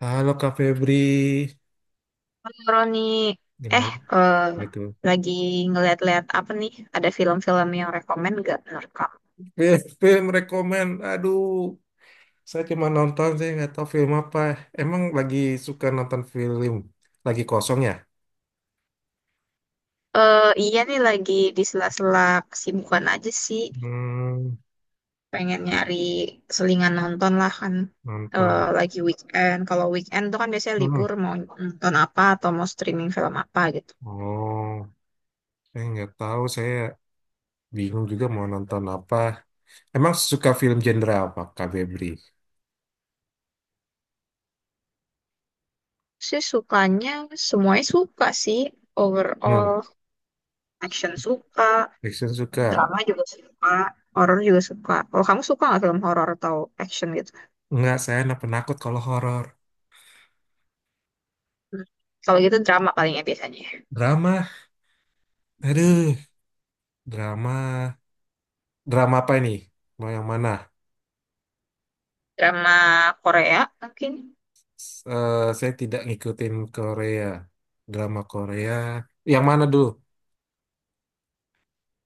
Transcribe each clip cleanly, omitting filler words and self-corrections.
Halo Kak Febri, Roni, eh gimana eh, gitu? lagi ngeliat-liat apa nih? Ada film-film yang rekomen gak menurut kamu? Film rekomend, saya cuma nonton sih nggak tahu film apa. Emang lagi suka nonton film, lagi kosong ya? Eh iya nih lagi di sela-sela kesibukan aja sih. Hmm. Pengen nyari selingan nonton lah kan. Eh Nonton. lagi weekend. Kalau weekend tuh kan biasanya Hmm. libur mau nonton apa atau mau streaming film apa gitu. Oh, saya nggak tahu, saya bingung juga mau nonton apa. Emang suka film genre apa Kak Febri? Sih sukanya semuanya suka sih. Hmm. Overall action suka, Fiction suka. drama juga suka, horror juga suka. Kalau kamu suka nggak film horror atau action gitu? Nggak, saya anak penakut kalau horor. Hmm. Kalau gitu drama paling ya biasanya. Drama, aduh, drama, drama apa ini? Mau yang mana? Drama Korea mungkin. Saya tidak ngikutin Korea, drama Korea. Yang mana dulu?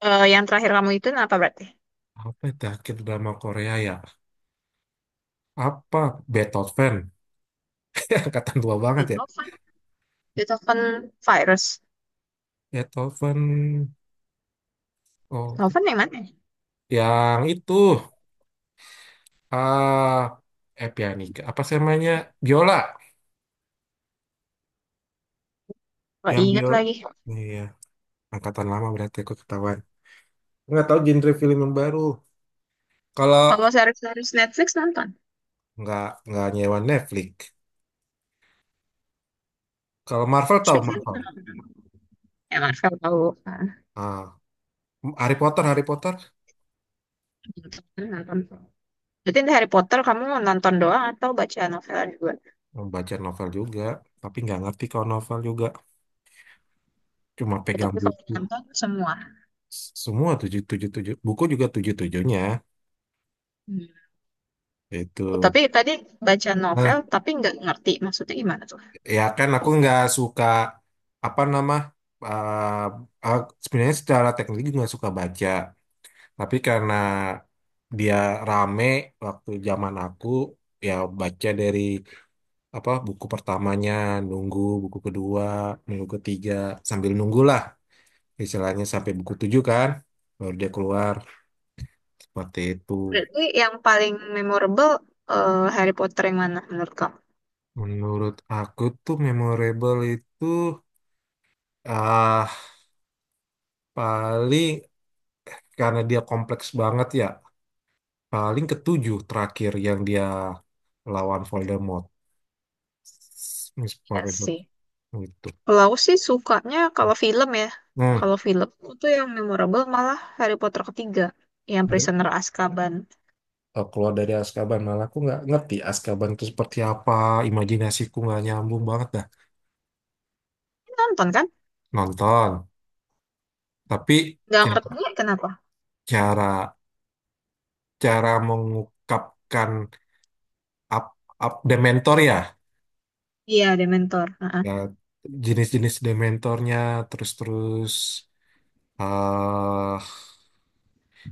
Eh, yang terakhir kamu itu apa berarti? Apa ya terakhir drama Korea ya? Apa? Beethoven. Angkatan tua banget ya. Beethoven. Beethoven Virus. Beethoven. Oh, Beethoven yang mana? yang itu. Ah, pianika. Apa sih namanya? Biola. Gak Yang ingat biola. lagi. Iya, angkatan lama berarti aku ketahuan. Nggak tahu genre film yang baru. Kalau Kalau series-series Netflix nonton. nggak nggak nyewa Netflix. Kalau Marvel tahu Marvel. Ya Marvel tahu. Ah, Ah, Harry Potter, Harry Potter. nonton. Nonton. Berarti di Harry Potter kamu nonton doang atau baca novel juga? Baca novel juga, tapi nggak ngerti kalau novel juga. Cuma Ya, pegang tapi kalau buku. nonton semua. Semua tujuh tujuh tujuh. Buku juga tujuh tujuhnya. Hmm. Itu. Tapi tadi baca novel Nah, tapi nggak ngerti maksudnya gimana tuh. ya kan aku nggak suka apa nama. eh sebenarnya secara teknik juga nggak suka baca, tapi karena dia rame waktu zaman aku, ya baca dari apa buku pertamanya, nunggu buku kedua, nunggu ketiga, sambil nunggulah istilahnya sampai buku tujuh kan baru dia keluar. Seperti itu. Berarti yang paling memorable Harry Potter yang mana menurut kamu? Menurut aku tuh memorable itu ah paling karena dia kompleks banget ya. Paling ketujuh terakhir yang dia lawan Voldemort. Miss Ya Professor sih. itu. Kalau aku sih sukanya kalau film ya. Nah, Kalau film aku tuh yang memorable malah Harry Potter ketiga. Yang ada Prisoner Azkaban. Keluar dari Azkaban malah aku nggak ngerti Azkaban itu seperti apa. Imajinasiku nggak nyambung banget dah. Nonton kan? Nonton. Tapi Gak ca- ngerti kenapa. cara cara mengungkapkan up, up Dementor, ya Iya, Dementor. ya Heeh. jenis-jenis dementornya terus-terus ah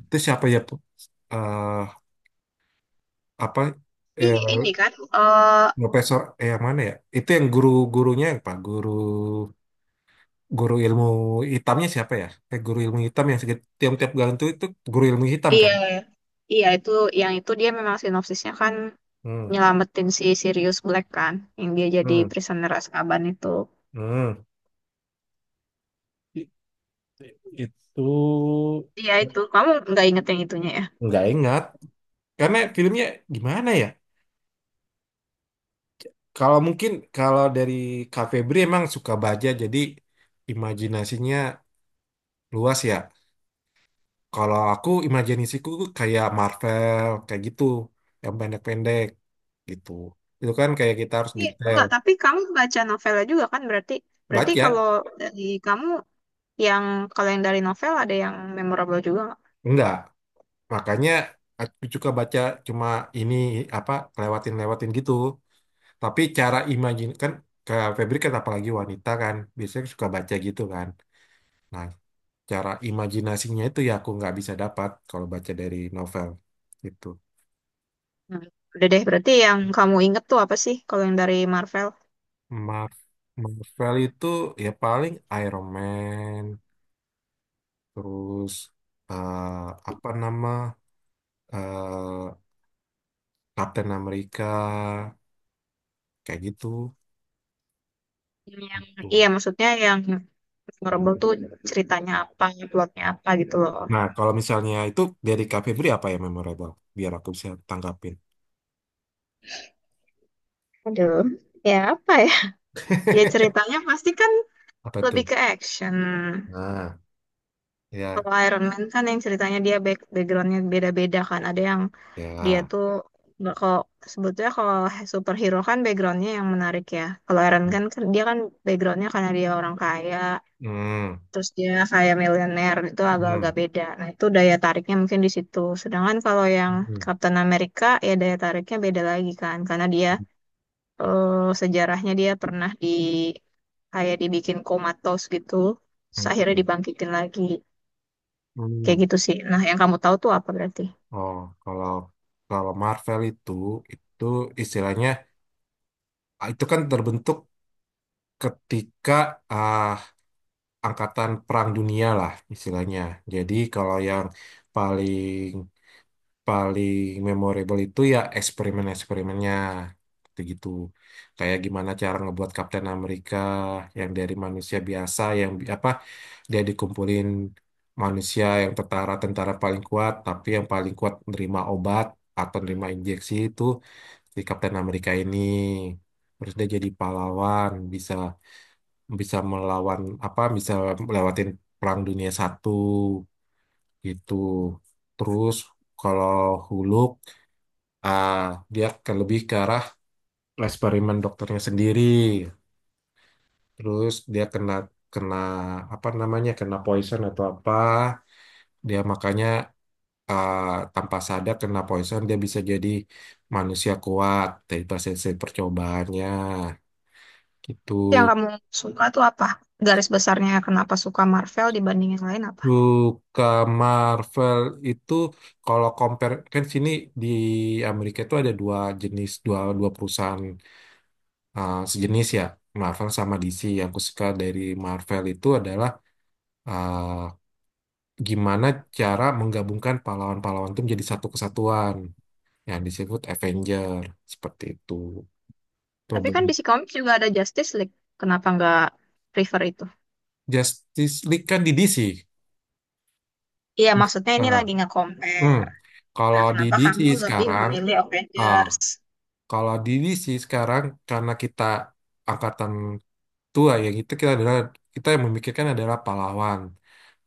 itu siapa ya Pu? Ah, apa Tapi eh, ini kan. eh profesor yang mana ya itu yang guru-gurunya yang pak guru guru ilmu hitamnya siapa ya guru ilmu hitam yang tiap-tiap gantung itu guru ilmu hitam kan. iya. Iya, itu yang itu dia memang sinopsisnya kan Hmm. nyelamatin si Sirius Black kan. Yang dia jadi Hmm. Prisoner Azkaban itu. Hmm. I- Itu Iya itu. Kamu nggak inget yang itunya ya? nggak ingat karena filmnya gimana ya. Kalau mungkin kalau dari Kak Febri emang suka baca jadi imajinasinya luas ya. Kalau aku imajinasiku tuh kayak Marvel kayak gitu yang pendek-pendek gitu. Itu kan kayak kita harus Iya, detail enggak. Tapi kamu baca novelnya juga kan berarti. Berarti baca kalau dari kamu yang kalau yang dari novel ada yang memorable juga nggak? enggak. Makanya aku suka baca cuma ini apa lewatin-lewatin gitu. Tapi cara imajin kan Kak Febri kan apalagi wanita kan biasanya suka baca gitu kan. Nah, cara imajinasinya itu ya aku nggak bisa dapat kalau baca dari novel gitu. Hmm. Udah deh, berarti yang kamu inget tuh apa sih kalau yang dari Marvel? Mar- Marvel itu ya paling Iron Man, terus eh, apa nama eh, Captain America kayak gitu Yang gitu. iya maksudnya yang memorable tuh ceritanya apa, plotnya apa gitu loh. Nah, kalau misalnya itu dari Kak Febri apa yang memorable? Biar aku bisa tanggapin. Aduh, ya apa ya? Ya ceritanya pasti kan Apa tuh? lebih ke action. Nah, ya, Kalau Iron Man kan yang ceritanya dia backgroundnya beda-beda kan. Ada yang dia ya. tuh nggak kalau sebetulnya kalau superhero kan backgroundnya yang menarik ya. Kalau Iron Hmm, Man kan dia kan backgroundnya karena dia orang kaya, hmm, terus dia kayak milenial itu hmm, agak-agak beda. Nah, itu daya tariknya mungkin di situ. Sedangkan kalau yang hmm, Captain America ya daya tariknya beda lagi kan karena dia eh, sejarahnya dia pernah di kayak dibikin komatos gitu, terus akhirnya hmm, dibangkitin lagi. Kayak hmm. gitu sih. Nah, yang kamu tahu tuh apa berarti? Oh, kalau kalau Marvel itu istilahnya itu kan terbentuk ketika ah, angkatan perang dunia lah istilahnya. Jadi kalau yang paling paling memorable itu ya eksperimen-eksperimennya gitu-gitu. Kayak gimana cara ngebuat Kapten Amerika yang dari manusia biasa yang apa dia dikumpulin manusia yang tentara-tentara paling kuat tapi yang paling kuat nerima obat atau nerima injeksi itu si Kapten Amerika ini terus dia jadi pahlawan bisa bisa melawan apa bisa melewatin Perang Dunia I gitu terus kalau Huluk, ah, dia ke lebih ke arah eksperimen dokternya sendiri terus dia kena kena apa namanya kena poison atau apa dia makanya ah, tanpa sadar kena poison dia bisa jadi manusia kuat dari hasil hasil percobaannya gitu. Yang kamu suka tuh apa? Garis besarnya kenapa suka Marvel dibanding yang lain apa? Suka Marvel itu kalau compare kan sini di Amerika itu ada dua jenis dua dua perusahaan sejenis ya Marvel sama DC. Yang aku suka dari Marvel itu adalah uh, gimana cara menggabungkan pahlawan-pahlawan itu menjadi satu kesatuan yang disebut Avenger seperti itu. Tapi Problem kan DC Comics juga ada Justice League. Kenapa nggak prefer itu? Justice League kan di DC. Iya, maksudnya ini Nah, lagi hmm. nge-compare. Nah, Kalau di kenapa DC kamu lebih sekarang memilih eh, Avengers? kalau diri sih sekarang karena kita angkatan tua ya gitu kita adalah kita yang memikirkan adalah pahlawan.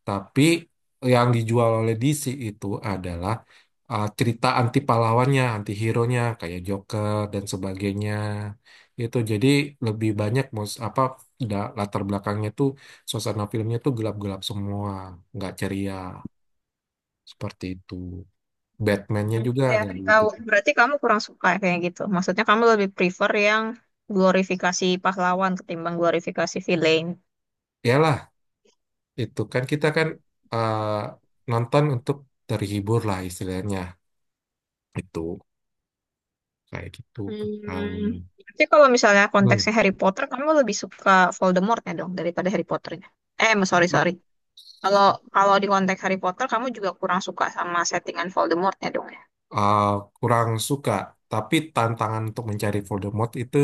Tapi yang dijual oleh DC itu adalah cerita anti pahlawannya, anti hero-nya kayak Joker dan sebagainya. Itu jadi lebih banyak mus apa latar belakangnya tuh suasana filmnya tuh gelap-gelap semua, nggak ceria seperti itu. Batman-nya juga Ya, nggak aku gitu. tahu. Berarti kamu kurang suka ya kayak gitu. Maksudnya kamu lebih prefer yang glorifikasi pahlawan ketimbang glorifikasi villain. Iyalah itu kan kita kan eh, nonton untuk terhibur lah istilahnya itu kayak gitu. Hmm. Um, Tapi kalau misalnya hmm. konteksnya Harry Potter, kamu lebih suka Voldemortnya dong daripada Harry Potternya. Sorry, sorry. Kalau kalau di konteks Harry Potter, kamu juga kurang suka sama settingan Voldemortnya dong ya. Uh, kurang suka tapi tantangan untuk mencari Voldemort itu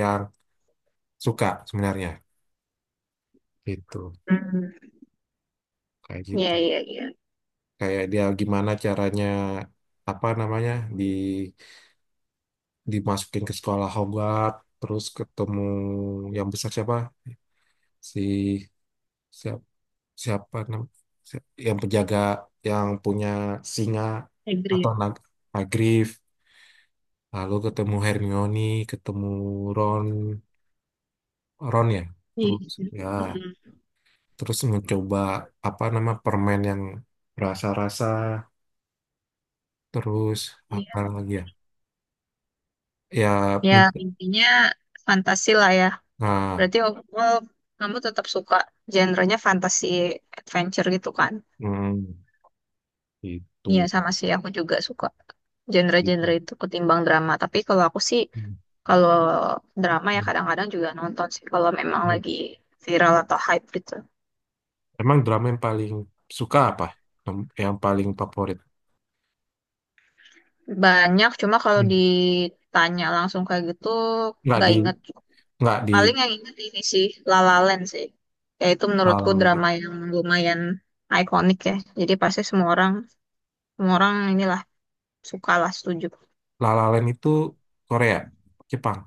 yang suka sebenarnya gitu Hmm. Iya, gitu iya, iya. kayak dia gimana caranya apa namanya di dimasukin ke sekolah Hogwarts terus ketemu yang besar siapa si siapa siapa yang penjaga yang punya singa atau Agree. nag Hagrid lalu ketemu Hermione ketemu Ron Ron Iya. terus ya Mm-mm. terus mencoba apa nama permen yang rasa-rasa terus Iya. apa lagi ya ya Ya, men- intinya fantasi lah ya. nah Berarti overall kamu tetap suka genrenya fantasy adventure gitu kan? hmm, Iya itu. sama sih aku juga suka Gitu. genre-genre itu ketimbang drama. Tapi kalau aku sih Hmm, kalau drama ya hmm, kadang-kadang juga nonton sih kalau memang hmm. lagi viral atau hype gitu. Emang drama yang paling suka apa yang yang paling favorit. Banyak cuma kalau Hmm. ditanya langsung kayak gitu nggak nggak di inget. nggak di Paling yang inget ini sih La La Land sih. Ya itu menurutku eh, drama yang lumayan ikonik ya. Jadi pasti semua orang inilah suka lah setuju. La La Land itu Korea, Jepang?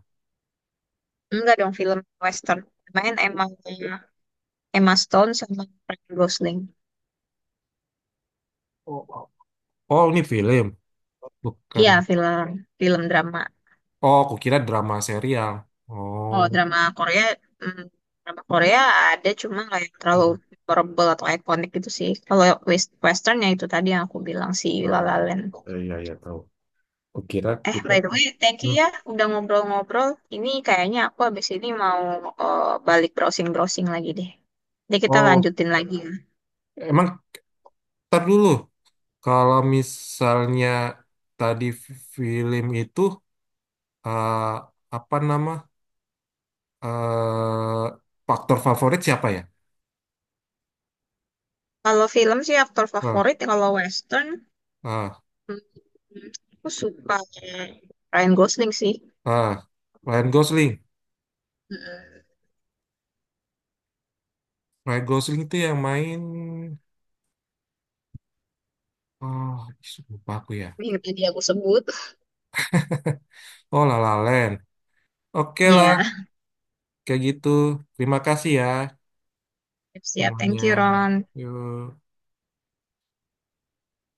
Enggak dong film western. Main Emma Emma Stone sama Ryan Gosling. Oh, oh. Oh, ini film, bukan. Iya film film drama. Oh, aku kira drama serial. Oh, Oh drama Korea, hmm, drama Korea ada cuma nggak yang terlalu hmm. memorable atau ikonik gitu sih. Kalau wes- westernnya itu tadi yang aku bilang si La Ah, La Land. Iya iya tahu. Kukira Eh kita by the way, thank you hmm, ya udah ngobrol-ngobrol. Ini kayaknya aku habis ini mau balik browsing-browsing lagi deh. Jadi kita oh, lanjutin lagi ya. emang tar dulu. Kalau misalnya tadi film itu eh, apa nama eh faktor favorit siapa ya? Kalau film sih aktor Ah, favorit kalau western hmm, ah, hmm, aku suka Ryan Gosling sih. ah. Ryan Gosling. Hmm, Ryan Gosling itu yang main. Oh, lupa aku ya. yang tadi aku sebut. Oh, La La Land. Oke lah, Iya. kayak gitu. Terima kasih ya Siap, siap. semuanya. Thank you, Ron. Yuk.